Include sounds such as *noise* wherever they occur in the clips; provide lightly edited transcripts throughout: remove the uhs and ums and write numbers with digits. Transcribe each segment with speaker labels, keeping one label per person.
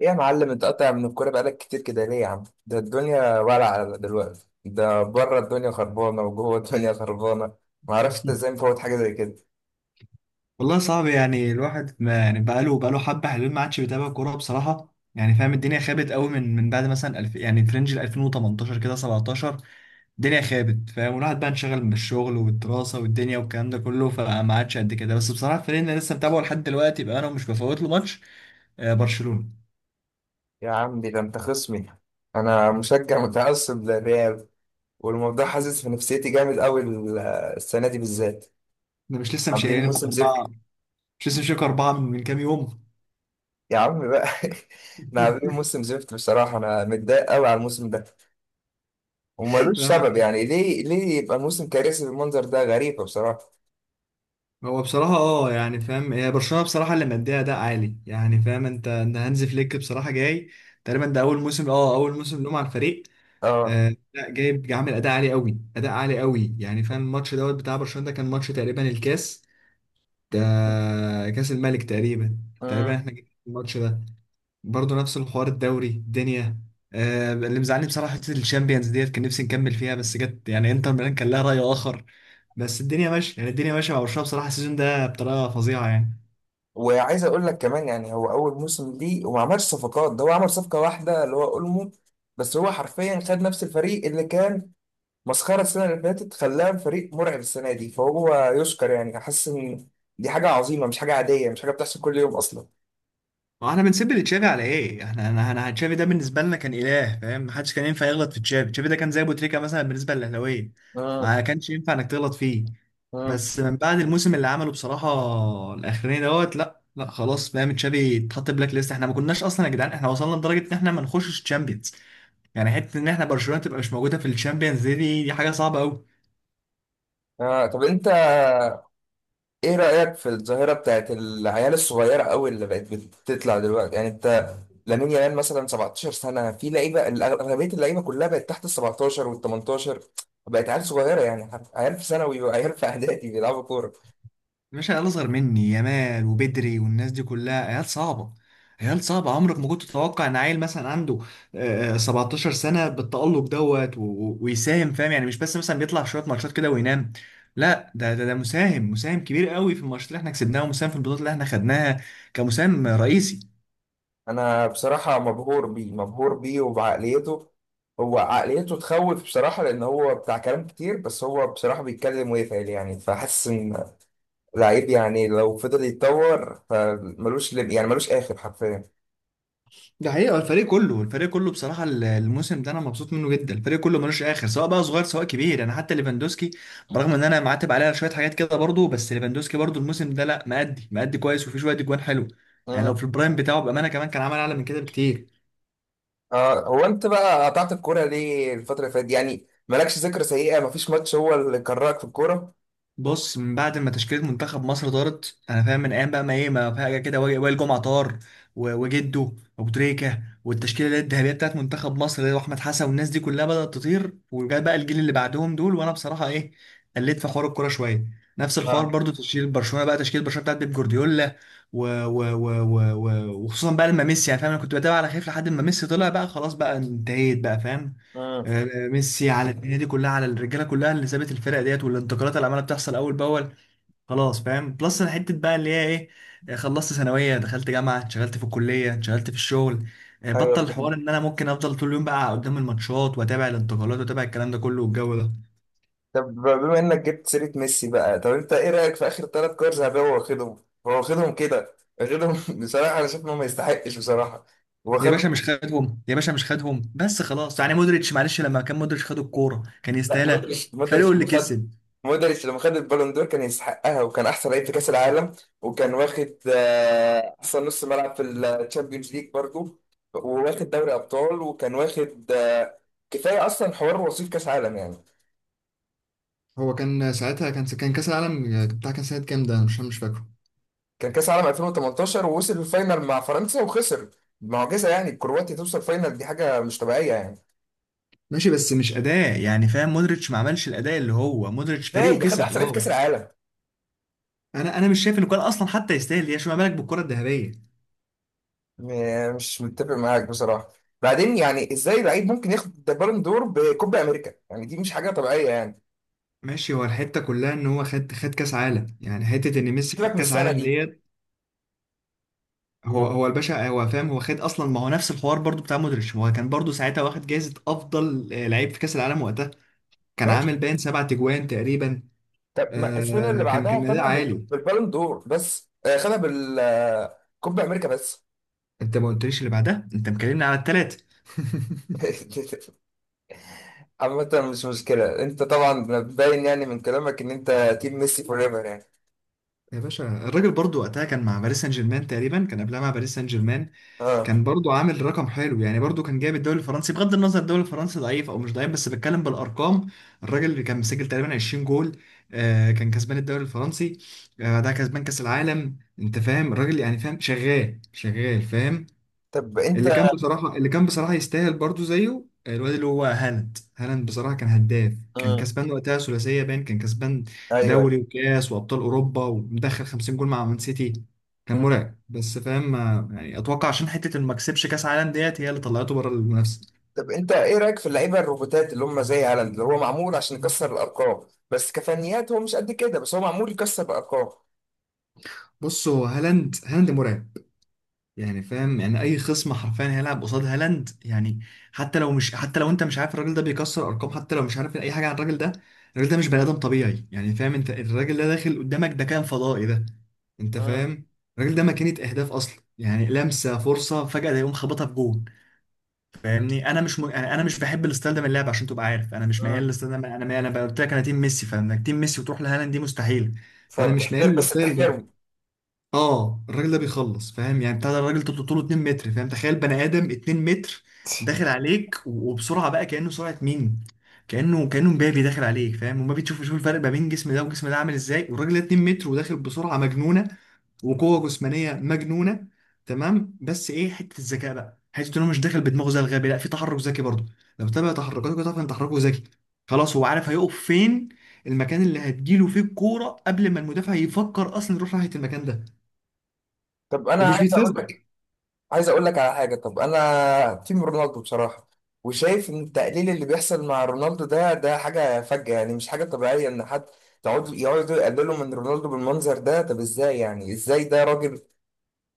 Speaker 1: ايه يا معلم، انت قاطع من الكورة بقالك كتير كده ليه يا عم؟ ده الدنيا ولعة دلوقتي، ده بره الدنيا خربانة وجوه الدنيا خربانة. معرفش انت ازاي مفوت حاجة زي كده.
Speaker 2: والله صعب، يعني الواحد ما يعني بقاله حبة حلوين ما عادش بيتابع كورة بصراحة، يعني فاهم، الدنيا خابت قوي من بعد مثلا الف يعني فرنج ال 2018 كده 17. الدنيا خابت فاهم، والواحد بقى انشغل من الشغل والدراسة والدنيا والكلام ده كله، فما عادش قد كده. بس بصراحة الفريق اللي أنا لسه متابعه لحد دلوقتي بقى انا مش بفوت له ماتش. برشلونة.
Speaker 1: يا عمي ده انت خصمي، انا مشجع متعصب للريال، والموضوع حاسس في نفسيتي جامد قوي. السنة دي بالذات
Speaker 2: انا مش لسه
Speaker 1: عاملين
Speaker 2: مشيلينكم
Speaker 1: موسم زفت،
Speaker 2: أربعة؟ مش لسه مشيلكم أربعة من كام يوم؟
Speaker 1: يا عم بقى. *laughs* احنا عاملين موسم زفت، بصراحة انا متضايق قوي على الموسم ده ومالوش سبب،
Speaker 2: *laughs*
Speaker 1: يعني ليه يبقى الموسم كارثي بالمنظر ده؟ غريبة بصراحة.
Speaker 2: هو بصراحة يعني فاهم، هي برشلونة بصراحة اللي مديها أداء عالي، يعني فاهم انت ان هانز فليك بصراحة جاي. تقريبا ده أول موسم، أول موسم لهم على الفريق. آه لا، جايب جاي عامل أداء عالي قوي، أداء عالي قوي، يعني فاهم. الماتش دوت بتاع برشلونة ده كان ماتش تقريبا الكاس ده، كاس الملك تقريبا. تقريبا
Speaker 1: اه،
Speaker 2: احنا جبنا الماتش ده. برضه نفس الحوار الدوري الدنيا. آه، اللي مزعلني بصراحه حته الشامبيونز ديت، كان نفسي نكمل فيها بس جت يعني انتر ميلان كان لها راي اخر. بس الدنيا ماشيه، يعني الدنيا ماشيه مع برشلونه بصراحه السيزون ده بطريقه فظيعه يعني.
Speaker 1: وعايز اقول لك كمان، يعني هو اول موسم ليه وما عملش صفقات، ده هو عمل صفقه واحده اللي هو اولمو، بس هو حرفيا خد نفس الفريق اللي كان مسخره السنه اللي فاتت، خلاه فريق مرعب السنه دي، فهو يشكر يعني. احس ان دي حاجه عظيمه، مش حاجه عاديه، مش حاجه بتحصل كل يوم اصلا.
Speaker 2: ما احنا بنسب لتشافي على ايه؟ احنا انا تشافي ده بالنسبه لنا كان اله، فاهم؟ ما حدش كان ينفع يغلط في تشافي، تشافي ده كان زي ابو تريكه مثلا بالنسبه للاهلاويه.
Speaker 1: امم.
Speaker 2: ما كانش ينفع انك تغلط فيه.
Speaker 1: امم.
Speaker 2: بس من بعد الموسم اللي عمله بصراحه الاخراني دوت، لا خلاص فاهم، تشافي اتحط بلاك ليست. احنا ما كناش اصلا يا جدعان، احنا وصلنا لدرجه ان احنا ما نخشش تشامبيونز، يعني حته ان احنا برشلونه تبقى مش موجوده في الشامبيونز، دي حاجه صعبه قوي.
Speaker 1: آه، طب انت ايه رايك في الظاهره بتاعت العيال الصغيره قوي اللي بقت بتطلع دلوقتي؟ يعني انت، لامين يامال مثلا 17 سنه، في لعيبه، اغلبيه اللعيبه كلها بقت تحت ال 17 وال 18، بقت عيال صغيره، يعني عيال في ثانوي وعيال في *laughs* اعدادي بيلعبوا كوره.
Speaker 2: مش عيال اصغر مني، يامال وبدري والناس دي كلها عيال صعبه. عيال صعبه، عمرك ما كنت تتوقع ان عيل مثلا عنده 17 سنه بالتألق دوت و- و- ويساهم، فاهم يعني مش بس مثلا بيطلع شويه ماتشات كده وينام. لا ده مساهم، مساهم كبير قوي في الماتشات اللي احنا كسبناها، ومساهم في البطولات اللي احنا خدناها كمساهم رئيسي.
Speaker 1: انا بصراحه مبهور بيه، مبهور بيه وبعقليته. هو عقليته تخوف بصراحه، لان هو بتاع كلام كتير بس هو بصراحه بيتكلم ويفعل، يعني فحاسس ان لعيب، يعني لو فضل يتطور فملوش يعني ملوش اخر حرفيا.
Speaker 2: ده حقيقة الفريق كله، الفريق كله بصراحة الموسم ده أنا مبسوط منه جدا، الفريق كله ملوش آخر سواء بقى صغير سواء كبير، يعني حتى ليفاندوسكي برغم إن أنا معاتب عليه على شوية حاجات كده برضه، بس ليفاندوسكي برضه الموسم ده لا، مأدي مأدي كويس وفي شوية أجوان حلو. يعني لو في البرايم بتاعه بأمانة كمان كان عمل أعلى من كده بكتير.
Speaker 1: اه، هو انت بقى قطعت الكوره ليه الفتره اللي فاتت دي؟ يعني مالكش ذكرى سيئه؟ مفيش ماتش هو اللي كرهك في الكوره؟
Speaker 2: بص من بعد ما تشكيلة منتخب مصر طارت، انا فاهم، من ايام بقى ما ايه ما فجأة كده وائل جمعة طار، و- وجده، وابو تريكة، والتشكيلة اللي هي الذهبية بتاعت منتخب مصر اللي هو احمد حسن والناس دي كلها بدأت تطير، وجاء بقى الجيل اللي بعدهم دول، وانا بصراحة ايه، قلت في حوار الكورة شوية. نفس الحوار
Speaker 1: اه.
Speaker 2: برضو تشكيل برشلونة بقى، تشكيل برشلونة بتاعت بيب جوارديولا، و... و... و... و... و... وخصوصا بقى لما ميسي، يعني فاهم، انا كنت بتابع على خايف لحد ما ميسي طلع بقى، خلاص بقى انتهيت بقى فاهم.
Speaker 1: امم.
Speaker 2: ميسي على الدنيا دي كلها، على الرجاله كلها اللي سابت الفرق ديت، والانتقالات اللي عماله بتحصل اول باول، خلاص فاهم بلس. انا حته بقى اللي هي ايه، خلصت ثانويه، دخلت جامعه، اتشغلت في الكليه، اتشغلت في الشغل،
Speaker 1: ايوه
Speaker 2: بطل الحوار
Speaker 1: فهمت.
Speaker 2: ان انا ممكن افضل طول اليوم بقى قدام الماتشات واتابع الانتقالات واتابع الكلام ده كله والجو ده.
Speaker 1: طب بما انك جبت سيره ميسي بقى، طب انت ايه رايك في اخر ثلاث كور ذهبيه هو واخدهم؟ هو واخدهم كده، واخدهم. *laughs* بصراحه انا شايف انه ما يستحقش بصراحه. هو
Speaker 2: يا
Speaker 1: خد،
Speaker 2: باشا مش خدهم، يا باشا مش خدهم بس خلاص، يعني مودريتش معلش، لما كان مودريتش خد الكوره كان
Speaker 1: لا،
Speaker 2: يستاهلها، فريقه اللي كسب.
Speaker 1: مودريتش لما خد البالون دور كان يستحقها، وكان احسن لعيب في كاس العالم، وكان واخد احسن نص ملعب في الشامبيونز ليج برضه، وواخد دوري ابطال، وكان واخد كفايه اصلا حوار وصيف كاس عالم يعني.
Speaker 2: هو كان ساعتها، كان كاس العالم بتاع كان سنه كام ده، انا مش فاكره.
Speaker 1: كان كاس عالم 2018 ووصل الفاينل مع فرنسا وخسر، معجزه يعني كرواتيا توصل فاينل، دي حاجه مش طبيعيه يعني.
Speaker 2: ماشي بس مش اداء، يعني فاهم، مودريتش ما عملش الاداء اللي هو، مودريتش
Speaker 1: ازاي
Speaker 2: فريقه
Speaker 1: ده خد
Speaker 2: كسب،
Speaker 1: احسن لعيب في كاس
Speaker 2: اه.
Speaker 1: العالم؟
Speaker 2: انا مش شايف انه كان اصلا حتى يستاهل، يا شو ما بالك بالكره الذهبيه.
Speaker 1: مش متفق معاك بصراحة. بعدين يعني ازاي لعيب ممكن ياخد بالون دور بكوبا امريكا؟ يعني دي مش حاجة طبيعية يعني.
Speaker 2: ماشي، هو الحته كلها ان هو خد، خد كاس عالم، يعني حته ان ميسي
Speaker 1: سيبك
Speaker 2: خد
Speaker 1: من
Speaker 2: كاس
Speaker 1: السنة
Speaker 2: عالم
Speaker 1: دي.
Speaker 2: ديت. هو الباشا، هو فاهم، هو خد اصلا، ما هو نفس الحوار برضو بتاع مودريتش، هو كان برضو ساعتها واخد جائزه افضل، لعيب في كاس العالم وقتها، كان
Speaker 1: ماشي،
Speaker 2: عامل باين سبع تجوان تقريبا.
Speaker 1: طب ما
Speaker 2: آه،
Speaker 1: السنة اللي
Speaker 2: كان
Speaker 1: بعدها
Speaker 2: كان اداء
Speaker 1: خدها
Speaker 2: عالي.
Speaker 1: بالبالون دور بس، خدها بالكوبا امريكا بس.
Speaker 2: انت ما قلتليش اللي بعدها، انت مكلمني على الثلاثه.
Speaker 1: *laughs* عامة مش مشكلة، انت طبعا باين يعني من كلامك ان انت تيم ميسي فور ايفر يعني.
Speaker 2: يا باشا الراجل برضو وقتها كان مع باريس سان جيرمان، تقريبا كان قبلها مع باريس سان جيرمان، كان
Speaker 1: اه،
Speaker 2: برضو عامل رقم حلو، يعني برضو كان جايب الدوري الفرنسي، بغض النظر الدوري الفرنسي ضعيف او مش ضعيف، بس بتكلم بالارقام. الراجل اللي كان مسجل تقريبا 20 جول، آه، كان كسبان الدوري الفرنسي، آه ده كسبان كاس العالم، انت فاهم الراجل، يعني فاهم شغال شغال فاهم.
Speaker 1: طب انت.
Speaker 2: اللي كان بصراحة، اللي كان بصراحة يستاهل برضو زيه الواد اللي هو هالاند، هالاند بصراحة كان هداف، كان
Speaker 1: مم.
Speaker 2: كسبان وقتها ثلاثية باين، كان كسبان دوري
Speaker 1: ايوه.
Speaker 2: وكاس وأبطال أوروبا، ومدخل 50 جول مع مان سيتي، كان
Speaker 1: ايوه،
Speaker 2: مرعب. بس فاهم يعني أتوقع عشان حتة إنه ما كسبش كأس عالم ديت هي اللي طلعته بره المنافسة.
Speaker 1: طب انت ايه رايك في اللعيبه الروبوتات اللي هم زي هالاند، اللي هو معمول عشان يكسر الارقام بس كفنيات هو مش قد كده، بس هو معمول يكسر الارقام.
Speaker 2: بص هو هالاند، هالاند مرعب، يعني فاهم، يعني اي خصم حرفيا هيلعب قصاد هالاند، يعني حتى لو مش، حتى لو انت مش عارف الراجل ده بيكسر ارقام، حتى لو مش عارف اي حاجه عن الراجل ده، الراجل ده مش بني ادم طبيعي، يعني فاهم انت، الراجل ده داخل قدامك ده كان فضائي ده، انت
Speaker 1: مم.
Speaker 2: فاهم. الراجل ده ماكينه اهداف اصلا، يعني لمسه فرصه فجاه ده يقوم خبطها في جون. فاهمني، انا مش م... يعني انا مش بحب الستايل ده من اللعب، عشان تبقى عارف انا مش ميال
Speaker 1: مم.
Speaker 2: للستايل ده. انا قلت لك انا تيم ميسي، فانك تيم ميسي وتروح لهالاند دي مستحيل. فانا مش ميال
Speaker 1: فبتحترم، بس
Speaker 2: للستايل
Speaker 1: بتحترمه.
Speaker 2: ده. اه الراجل ده بيخلص فاهم، يعني بتاع ده الراجل طول طوله 2 متر، فاهم، تخيل بني ادم 2 متر داخل عليك و- وبسرعه بقى كانه سرعه مين، كانه مبابي داخل عليك، فاهم، وما بتشوف، شوف الفرق ما بين جسم ده وجسم ده عامل ازاي، والراجل ده 2 متر وداخل بسرعه مجنونه وقوه جسمانيه مجنونه. تمام بس ايه، حته الذكاء بقى، حته انه مش داخل بدماغه زي الغبي، لا في تحرك ذكي برضه. لو تتابع تحركاته كده تعرف ان تحركه ذكي، خلاص هو عارف هيقف فين، المكان اللي هتجيله فيه الكوره قبل ما المدافع يفكر اصلا يروح ناحيه المكان ده،
Speaker 1: طب انا
Speaker 2: ومش
Speaker 1: عايز اقول لك،
Speaker 2: بيتفزلك.
Speaker 1: عايز اقول لك على حاجه، طب انا تيم رونالدو بصراحه، وشايف ان التقليل اللي بيحصل مع رونالدو ده حاجه فجأة، يعني مش حاجه طبيعيه ان حد يقعدوا يقللوا من رونالدو بالمنظر ده. طب ازاي؟ يعني ازاي ده راجل،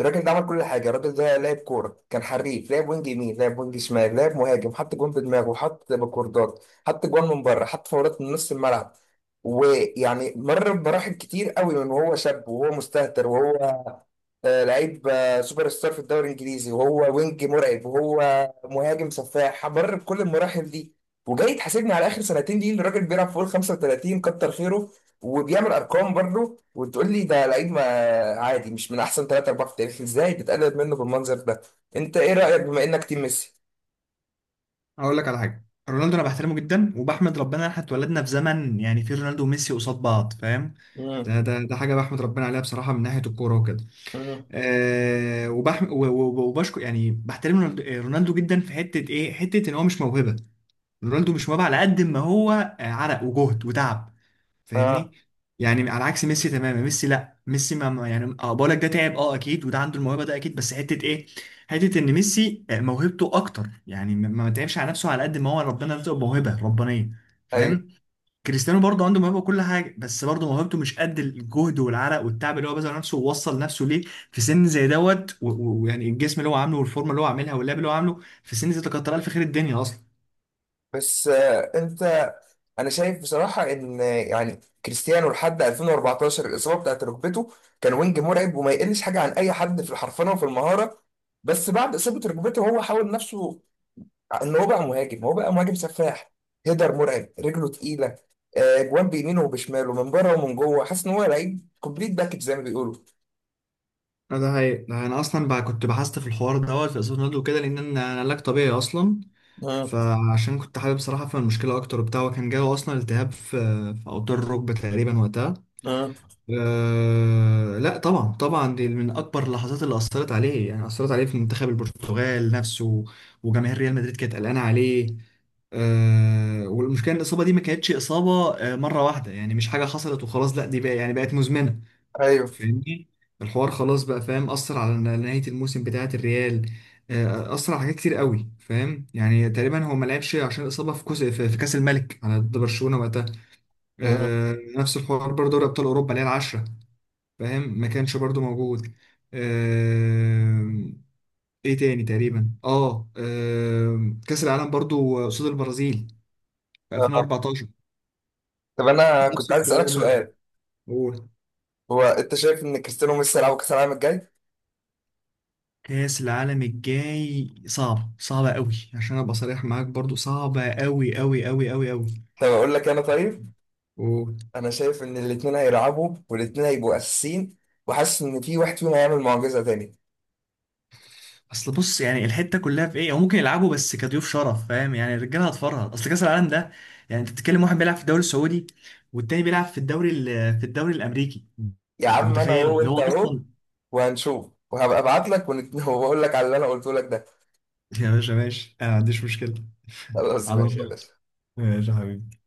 Speaker 1: الراجل ده عمل كل حاجه، الراجل ده لعب كوره، كان حريف، لعب وينج يمين، لعب وينج شمال، لعب مهاجم، حط جون بدماغه، حط بكوردات، حط جون من بره، حط فاولات من نص الملعب، ويعني مر بمراحل كتير قوي، من وهو شاب وهو مستهتر وهو لعيب، سوبر ستار في الدوري الانجليزي وهو وينج مرعب وهو مهاجم سفاح، مر بكل المراحل دي. وجاي تحاسبني على اخر سنتين دي ان الراجل بيلعب فوق ال 35؟ كتر خيره، وبيعمل ارقام برضه، وتقول لي ده لعيب ما عادي مش من احسن ثلاثة اربعة في التاريخ؟ ازاي بتقلل منه بالمنظر ده؟ انت ايه رايك بما انك تيم ميسي؟
Speaker 2: هقول لك على حاجه، رونالدو انا بحترمه جدا، وبحمد ربنا ان احنا اتولدنا في زمن يعني فيه رونالدو وميسي قصاد بعض فاهم،
Speaker 1: امم.
Speaker 2: ده ده حاجه بحمد ربنا عليها بصراحه من ناحيه الكوره وكده.
Speaker 1: امم.
Speaker 2: أه و- و- وبشكر، يعني بحترم رونالدو، رونالدو جدا في حته ايه، حته ان هو مش موهبه. رونالدو مش موهبه على قد ما هو عرق وجهد وتعب، فاهمني.
Speaker 1: اه.
Speaker 2: يعني على عكس ميسي تماما، ميسي لا، ميسي بقولك ده تعب اه اكيد، وده عنده الموهبه ده اكيد، بس حته ايه، حته ان ميسي موهبته اكتر، يعني ما تعبش على نفسه على قد ما هو ربنا رزقه موهبه ربانيه،
Speaker 1: ايوه.
Speaker 2: فاهم. كريستيانو برضه عنده موهبه وكل حاجه، بس برضه موهبته مش قد الجهد والعرق والتعب اللي هو بذل نفسه ووصل نفسه ليه في سن زي دوت و- و- ويعني الجسم اللي هو عامله والفورمه اللي هو عاملها واللعب اللي هو عامله في سن زي ده، كتر الف خير الدنيا اصلا.
Speaker 1: بس انت، انا شايف بصراحه ان يعني كريستيانو لحد 2014 الاصابه بتاعت ركبته، كان وينج مرعب وما يقلش حاجه عن اي حد في الحرفنه وفي المهاره. بس بعد اصابه ركبته هو حاول نفسه ان هو بقى مهاجم، هو بقى مهاجم سفاح، هيدر مرعب، رجله تقيله، جوان بيمينه وبشماله، من بره ومن جوه. حاسس ان هو لعيب كومبليت باكج زي ما بيقولوا.
Speaker 2: لا ده هي ده، انا اصلا بقى كنت بحثت في الحوار دوت في اسباب نضج وكده، لان انا علاج طبيعي اصلا،
Speaker 1: مم.
Speaker 2: فعشان كنت حابب صراحه افهم المشكله اكتر وبتاع. وكان جاله اصلا التهاب في اوتار الركبه تقريبا وقتها.
Speaker 1: مم.
Speaker 2: أه لا طبعا طبعا، دي من اكبر اللحظات اللي اثرت عليه، يعني اثرت عليه في منتخب البرتغال نفسه، وجماهير ريال مدريد كانت قلقانه عليه. أه، والمشكله ان الاصابه دي ما كانتش اصابه مره واحده، يعني مش حاجه حصلت وخلاص، لا دي بقى يعني بقت مزمنه،
Speaker 1: ايوه.
Speaker 2: فاهمني. الحوار خلاص بقى فاهم، أثر على نهاية الموسم بتاعة الريال. أثر على حاجات كتير قوي، فاهم. يعني تقريبا هو ما لعبش عشان إصابة في كوس في في كأس الملك على ضد برشلونة وقتها.
Speaker 1: مم.
Speaker 2: نفس الحوار برضه دوري أبطال أوروبا اللي هي العشرة، فاهم، ما كانش برضه موجود. آه، إيه تاني تقريبا أه آه، كأس العالم برضه قصاد البرازيل في
Speaker 1: آه.
Speaker 2: 2014.
Speaker 1: طب انا
Speaker 2: نفس
Speaker 1: كنت عايز اسالك
Speaker 2: الحوار
Speaker 1: سؤال،
Speaker 2: برضه.
Speaker 1: هو انت شايف ان كريستيانو ميسي هيلعب كاس العالم الجاي؟
Speaker 2: كأس العالم الجاي صعب، صعبة قوي عشان ابقى صريح معاك، برضو صعبة قوي قوي قوي قوي قوي.
Speaker 1: طب اقول لك انا، طيب
Speaker 2: و...
Speaker 1: انا شايف ان الاتنين هيلعبوا والاتنين هيبقوا اساسيين، وحاسس ان في واحد فيهم هيعمل معجزه تاني.
Speaker 2: اصل بص، يعني الحتة كلها في ايه، هو ممكن يلعبوا بس كضيوف شرف، فاهم، يعني الرجاله هتفرهد، اصل كأس العالم ده يعني، انت بتتكلم واحد بيلعب في الدوري السعودي، والتاني بيلعب في الدوري الامريكي.
Speaker 1: يا
Speaker 2: انت
Speaker 1: عم انا
Speaker 2: متخيل
Speaker 1: اهو
Speaker 2: اللي
Speaker 1: وانت
Speaker 2: هو
Speaker 1: اهو،
Speaker 2: اصلا
Speaker 1: وهنشوف، وهبقى ابعت لك *laughs* وبقول لك على اللي انا قلته لك ده.
Speaker 2: *laughs* يا باشا ماشي انا ما عنديش مشكلة. *laughs*
Speaker 1: خلاص
Speaker 2: على
Speaker 1: ماشي يا
Speaker 2: الله.
Speaker 1: باشا.
Speaker 2: ماشي يا حبيبي.